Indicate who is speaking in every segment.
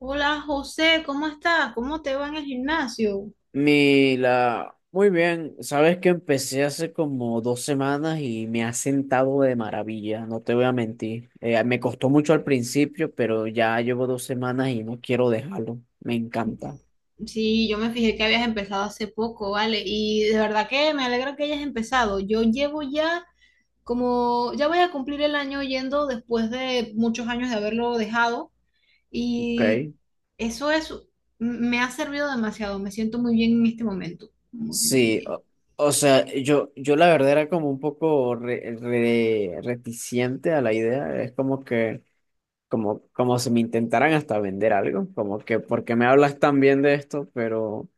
Speaker 1: Hola José, ¿cómo estás? ¿Cómo te va en el gimnasio?
Speaker 2: Mila, muy bien, sabes que empecé hace como dos semanas y me ha sentado de maravilla, no te voy a mentir. Me costó mucho al principio, pero ya llevo dos semanas y no quiero dejarlo, me encanta.
Speaker 1: Sí, yo me fijé que habías empezado hace poco, ¿vale? Y de verdad que me alegra que hayas empezado. Yo llevo ya como, ya voy a cumplir el año yendo después de muchos años de haberlo dejado
Speaker 2: Ok.
Speaker 1: y eso es, me ha servido demasiado, me siento muy bien en este momento, muy, muy
Speaker 2: Sí,
Speaker 1: bien.
Speaker 2: o, o sea, yo la verdad era como un poco reticente a la idea, es como que como si me intentaran hasta vender algo, como que porque me hablas tan bien de esto, pero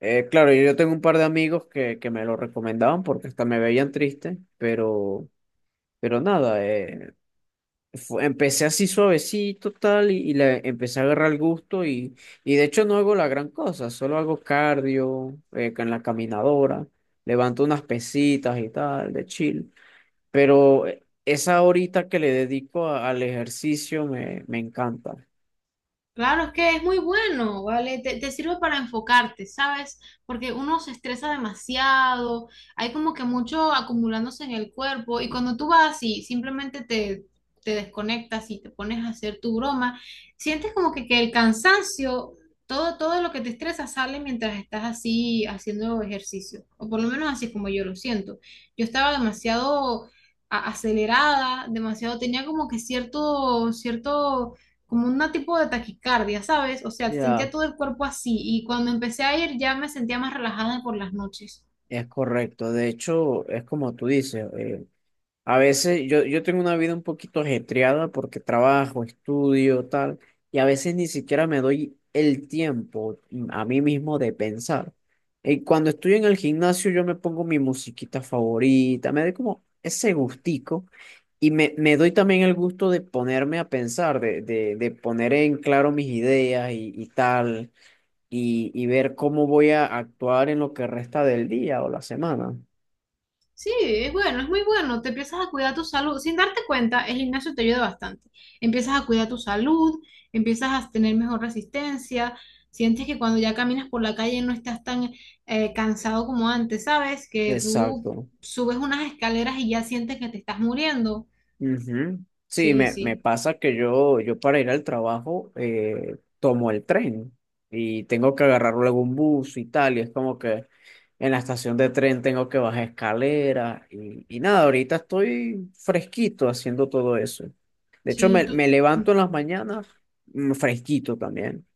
Speaker 2: eh, claro, yo tengo un par de amigos que me lo recomendaban porque hasta me veían triste, pero nada, empecé así suavecito tal y le empecé a agarrar el gusto. De hecho, no hago la gran cosa, solo hago cardio en la caminadora, levanto unas pesitas y tal, de chill, pero esa horita que le dedico al ejercicio me encanta.
Speaker 1: Claro, es que es muy bueno, ¿vale? Te sirve para enfocarte, ¿sabes? Porque uno se estresa demasiado, hay como que mucho acumulándose en el cuerpo y cuando tú vas y simplemente te desconectas y te pones a hacer tu broma, sientes como que el cansancio, todo lo que te estresa sale mientras estás así haciendo ejercicio, o por lo menos así es como yo lo siento. Yo estaba demasiado acelerada, demasiado, tenía como que cierto como un tipo de taquicardia, ¿sabes? O sea,
Speaker 2: Ya,
Speaker 1: sentía todo el cuerpo así y cuando empecé a ir ya me sentía más relajada por las noches.
Speaker 2: es correcto. De hecho, es como tú dices, a veces yo tengo una vida un poquito ajetreada porque trabajo, estudio, tal, y a veces ni siquiera me doy el tiempo a mí mismo de pensar. Y cuando estoy en el gimnasio, yo me pongo mi musiquita favorita, me doy como ese gustico y me doy también el gusto de ponerme a pensar, de poner en claro mis ideas y tal, y ver cómo voy a actuar en lo que resta del día o la semana.
Speaker 1: Sí, es bueno, es muy bueno. Te empiezas a cuidar tu salud. Sin darte cuenta, el gimnasio te ayuda bastante. Empiezas a cuidar tu salud, empiezas a tener mejor resistencia, sientes que cuando ya caminas por la calle no estás tan cansado como antes, ¿sabes? Que tú
Speaker 2: Exacto.
Speaker 1: subes unas escaleras y ya sientes que te estás muriendo.
Speaker 2: Ujú. Sí,
Speaker 1: Sí,
Speaker 2: me
Speaker 1: sí,
Speaker 2: pasa que yo para ir al trabajo tomo el tren y tengo que agarrar luego un bus y tal, y es como que en la estación de tren tengo que bajar escaleras y nada, ahorita estoy fresquito haciendo todo eso. De hecho,
Speaker 1: sí,
Speaker 2: me
Speaker 1: tú.
Speaker 2: levanto en las mañanas fresquito también.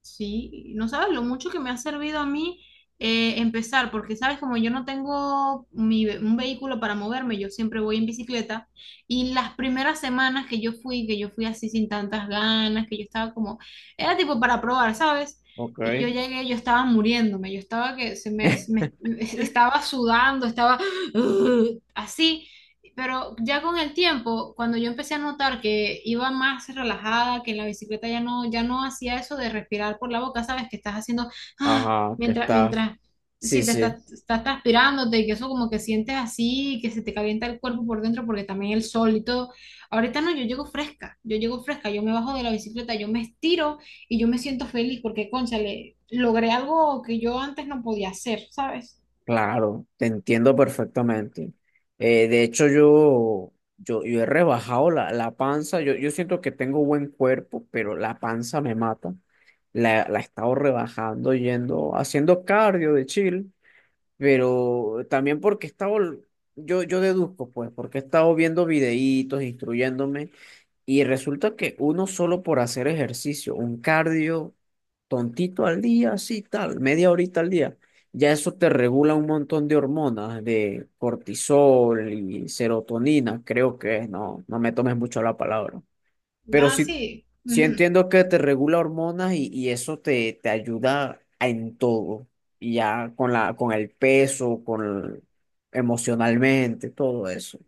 Speaker 1: Sí, no sabes lo mucho que me ha servido a mí empezar, porque sabes, como yo no tengo un vehículo para moverme, yo siempre voy en bicicleta y las primeras semanas que yo fui así sin tantas ganas, que yo estaba como, era tipo para probar, ¿sabes?
Speaker 2: Ok.
Speaker 1: Y yo llegué, yo estaba muriéndome, yo estaba que estaba sudando, estaba así, pero ya con el tiempo, cuando yo empecé a notar que iba más relajada, que en la bicicleta ya no hacía eso de respirar por la boca, sabes que estás haciendo, ah,
Speaker 2: Ajá, que
Speaker 1: mientras,
Speaker 2: está.
Speaker 1: mientras,
Speaker 2: Sí,
Speaker 1: sí, te
Speaker 2: sí.
Speaker 1: estás transpirándote y que eso como que sientes así, que se te calienta el cuerpo por dentro porque también el sol y todo. Ahorita no, yo llego fresca, yo llego fresca, yo me bajo de la bicicleta, yo me estiro y yo me siento feliz porque, cónchale, logré algo que yo antes no podía hacer, ¿sabes?
Speaker 2: Claro, te entiendo perfectamente. De hecho, yo he rebajado la panza. Yo siento que tengo buen cuerpo, pero la panza me mata. La he estado rebajando yendo, haciendo cardio de chill, pero también porque he estado, yo deduzco, pues, porque he estado viendo videitos, instruyéndome y resulta que uno solo por hacer ejercicio, un cardio tontito al día, así tal, media horita al día, ya eso te regula un montón de hormonas, de cortisol y serotonina, creo que es, no me tomes mucho la palabra. Pero
Speaker 1: Ah,
Speaker 2: sí,
Speaker 1: sí.
Speaker 2: sí
Speaker 1: Ujú.
Speaker 2: entiendo que te regula hormonas y eso te ayuda en todo. Y ya con con el peso, emocionalmente, todo eso.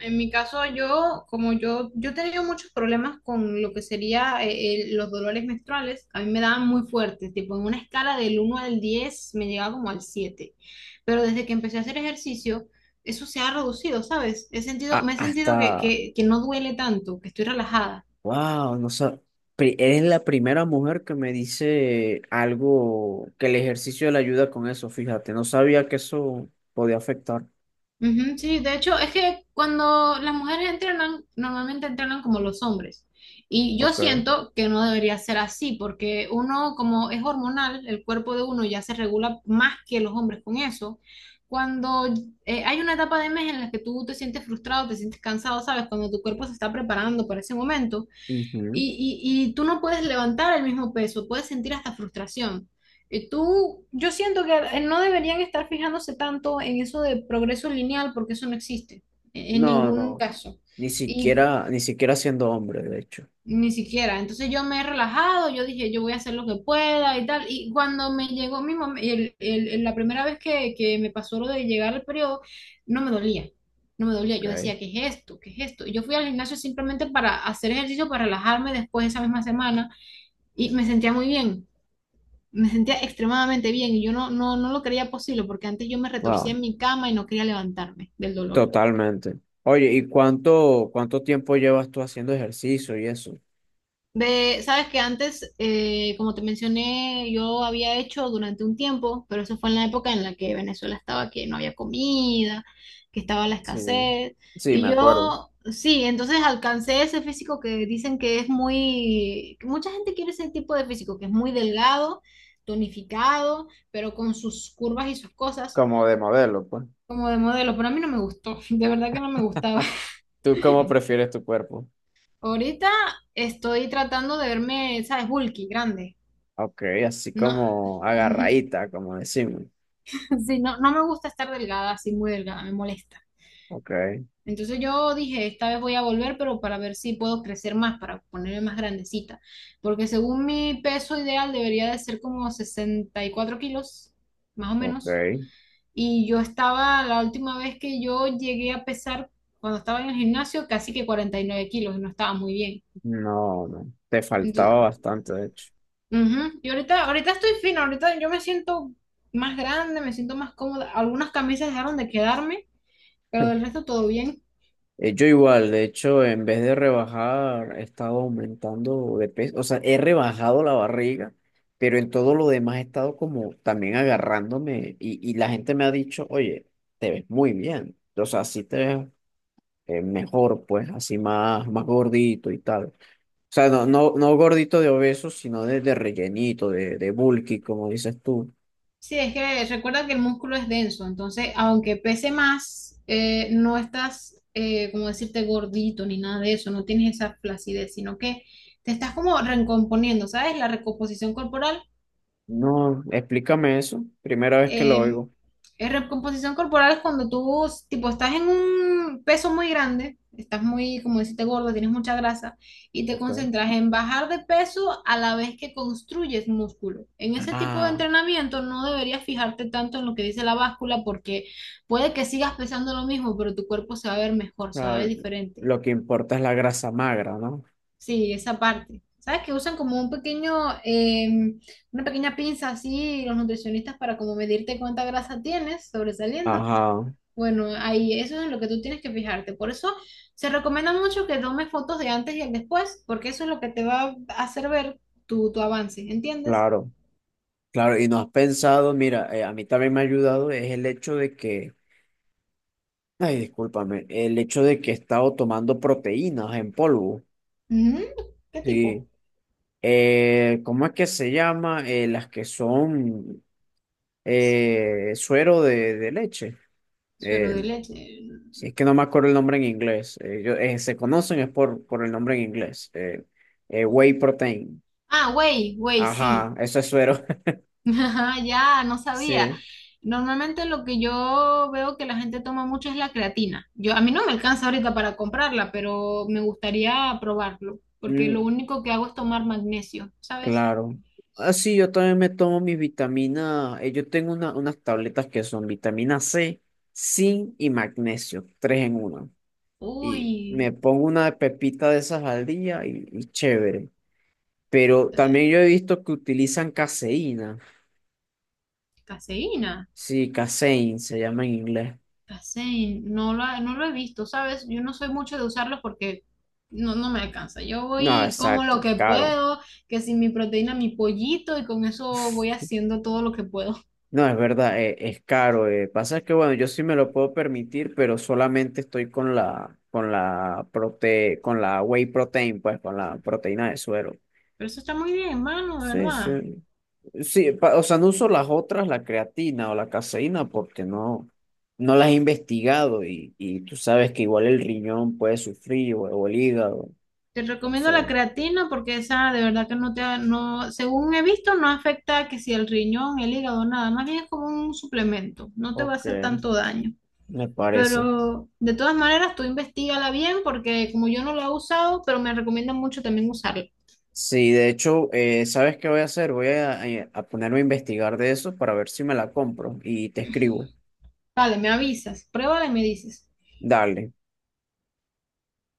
Speaker 1: En mi caso, yo, como yo he tenido muchos problemas con lo que sería los dolores menstruales, a mí me daban muy fuertes, tipo en una escala del 1 al 10 me llegaba como al 7, pero desde que empecé a hacer ejercicio, eso se ha reducido, ¿sabes? He sentido,
Speaker 2: A-
Speaker 1: me he
Speaker 2: hasta
Speaker 1: sentido que no duele tanto, que estoy relajada.
Speaker 2: Wow, no sab- pri- Eres la primera mujer que me dice algo que el ejercicio le ayuda con eso, fíjate, no sabía que eso podía afectar.
Speaker 1: Ujú, sí, de hecho, es que cuando las mujeres entrenan, normalmente entrenan como los hombres. Y yo
Speaker 2: Ok.
Speaker 1: siento que no debería ser así, porque uno, como es hormonal, el cuerpo de uno ya se regula más que los hombres con eso. Cuando hay una etapa de mes en la que tú te sientes frustrado, te sientes cansado, ¿sabes? Cuando tu cuerpo se está preparando para ese momento.
Speaker 2: Ujú.
Speaker 1: Y tú no puedes levantar el mismo peso, puedes sentir hasta frustración. Y tú, yo siento que no deberían estar fijándose tanto en eso de progreso lineal porque eso no existe en
Speaker 2: No,
Speaker 1: ningún
Speaker 2: no,
Speaker 1: caso.
Speaker 2: ni
Speaker 1: Y
Speaker 2: siquiera, ni siquiera siendo hombre, de hecho.
Speaker 1: ni siquiera. Entonces yo me he relajado, yo dije, yo voy a hacer lo que pueda y tal. Y cuando me llegó mi mom- el- la primera vez que me pasó lo de llegar al periodo, no me dolía. No me dolía, yo
Speaker 2: Ok.
Speaker 1: decía, ¿qué es esto? ¿Qué es esto? Y yo fui al gimnasio simplemente para hacer ejercicio, para relajarme después de esa misma semana y me sentía muy bien, me sentía extremadamente bien y yo no lo creía posible porque antes yo me retorcía
Speaker 2: Wow,
Speaker 1: en mi cama y no quería levantarme del dolor.
Speaker 2: totalmente. Oye, ¿y cuánto, cuánto tiempo llevas tú haciendo ejercicio y eso?
Speaker 1: Sabes que antes, como te mencioné, yo había hecho durante un tiempo, pero eso fue en la época en la que Venezuela estaba, que no había comida, que estaba la
Speaker 2: Sí,
Speaker 1: escasez.
Speaker 2: sí, me
Speaker 1: Y
Speaker 2: acuerdo.
Speaker 1: yo, sí, entonces alcancé ese físico que dicen que es que mucha gente quiere ese tipo de físico, que es muy delgado, tonificado, pero con sus curvas y sus cosas.
Speaker 2: Como de modelo, pues.
Speaker 1: Como de modelo, pero a mí no me gustó, de verdad que no me gustaba.
Speaker 2: ¿Tú cómo prefieres tu cuerpo?
Speaker 1: Ahorita estoy tratando de verme, ¿sabes? Bulky, grande.
Speaker 2: Ok, así
Speaker 1: No,
Speaker 2: como agarradita, como decimos.
Speaker 1: sí, no, no me gusta estar delgada, así muy delgada, me molesta.
Speaker 2: Ok,
Speaker 1: Entonces yo dije, esta vez voy a volver, pero para ver si puedo crecer más, para ponerme más grandecita. Porque según mi peso ideal debería de ser como 64 kilos, más o
Speaker 2: ok.
Speaker 1: menos. Y yo estaba, la última vez que yo llegué a pesar, cuando estaba en el gimnasio, casi que 49 kilos y no estaba muy bien.
Speaker 2: No, no. Te faltaba
Speaker 1: Entonces,
Speaker 2: bastante, de hecho.
Speaker 1: ujú. Y ahorita, ahorita estoy fino, ahorita yo me siento más grande, me siento más cómoda. Algunas camisas dejaron de quedarme, pero del resto todo bien.
Speaker 2: Yo igual, de hecho, en vez de rebajar, he estado aumentando de peso. O sea, he rebajado la barriga, pero en todo lo demás he estado como también agarrándome. Y la gente me ha dicho, oye, te ves muy bien. O sea, así te ves mejor, pues, así más, más gordito y tal. O sea, no, no, no gordito de obeso, sino de rellenito, de bulky, como dices tú.
Speaker 1: Sí, es que recuerda que el músculo es denso, entonces aunque pese más, no estás, como decirte, gordito ni nada de eso, no tienes esa flacidez, sino que te estás como recomponiendo, ¿sabes? La recomposición corporal.
Speaker 2: No, explícame eso. Primera vez que lo
Speaker 1: em,
Speaker 2: oigo.
Speaker 1: Recomposición corporal es cuando tú, tipo, estás en un peso muy grande, estás muy, como deciste, gordo, tienes mucha grasa, y te
Speaker 2: Ok.
Speaker 1: concentras en bajar de peso a la vez que construyes músculo. En ese tipo de
Speaker 2: Ah,
Speaker 1: entrenamiento no deberías fijarte tanto en lo que dice la báscula porque puede que sigas pesando lo mismo, pero tu cuerpo se va a ver mejor, se va a ver
Speaker 2: claro,
Speaker 1: diferente.
Speaker 2: lo que importa es la grasa magra, ¿no?
Speaker 1: Sí, esa parte. ¿Sabes que usan como em, una pequeña pinza así los nutricionistas para como medirte cuánta grasa tienes sobresaliendo?
Speaker 2: Ajá,
Speaker 1: Bueno, ahí eso es en lo que tú tienes que fijarte. Por eso se recomienda mucho que tomes fotos de antes y el después, porque eso es lo que te va a hacer ver tu avance, ¿entiendes?
Speaker 2: claro, claro. Y no has pensado, mira, a mí también me ha ayudado es el hecho de que, ay, discúlpame, el hecho de que he estado tomando proteínas en polvo,
Speaker 1: Mm, ¿qué tipo?
Speaker 2: sí. ¿Cómo es que se llama? Las que son suero de leche.
Speaker 1: Suero
Speaker 2: Eh,
Speaker 1: de leche.
Speaker 2: si es que no me acuerdo el nombre en inglés. Se conocen es por el nombre en inglés. Whey protein.
Speaker 1: Ah, güey, güey, sí.
Speaker 2: Ajá, eso es suero.
Speaker 1: Ajá, ya, no sabía.
Speaker 2: Sí,
Speaker 1: Normalmente lo que yo veo que la gente toma mucho es la creatina. Yo, a mí no me alcanza ahorita para comprarla, pero me gustaría probarlo, porque lo
Speaker 2: mm,
Speaker 1: único que hago es tomar magnesio, ¿sabes?
Speaker 2: claro. Así yo también me tomo mis vitaminas. Yo tengo unas tabletas que son vitamina C, zinc y magnesio, tres en una. Y me
Speaker 1: Uy,
Speaker 2: pongo una pepita de esas al día y chévere. Pero también yo he visto que utilizan caseína.
Speaker 1: caseína.
Speaker 2: Sí, Casein se llama en inglés.
Speaker 1: Casein, no lo he visto, ¿sabes? Yo no soy mucho de usarlos porque no, no me alcanza. Yo
Speaker 2: No,
Speaker 1: voy como
Speaker 2: exacto,
Speaker 1: lo
Speaker 2: es
Speaker 1: que
Speaker 2: caro.
Speaker 1: puedo, que sin mi proteína, mi pollito, y con eso voy haciendo todo lo que puedo.
Speaker 2: No, es verdad, es caro. Pasa es que, bueno, yo sí me lo puedo permitir, pero solamente estoy con con la con la whey protein, pues, con la proteína de suero.
Speaker 1: Pero eso está muy bien, mano, ¿de
Speaker 2: Sí, sí.
Speaker 1: verdad?
Speaker 2: O sea, no uso las otras, la creatina o la caseína, porque no, no las he investigado y tú sabes que igual el riñón puede sufrir o el hígado.
Speaker 1: Te recomiendo la
Speaker 2: Entonces,
Speaker 1: creatina porque esa de verdad que no te, ha- no, según he visto, no afecta que si el riñón, el hígado, nada, más bien es como un suplemento, no te va a
Speaker 2: ok,
Speaker 1: hacer tanto daño.
Speaker 2: me parece.
Speaker 1: Pero de todas maneras, tú investigala bien porque como yo no la he usado, pero me recomiendan mucho también usarla.
Speaker 2: Sí, de hecho, ¿sabes qué voy a hacer? Voy a ponerme a investigar de eso para ver si me la compro y te escribo.
Speaker 1: Vale, me avisas, pruébala y me dices.
Speaker 2: Dale.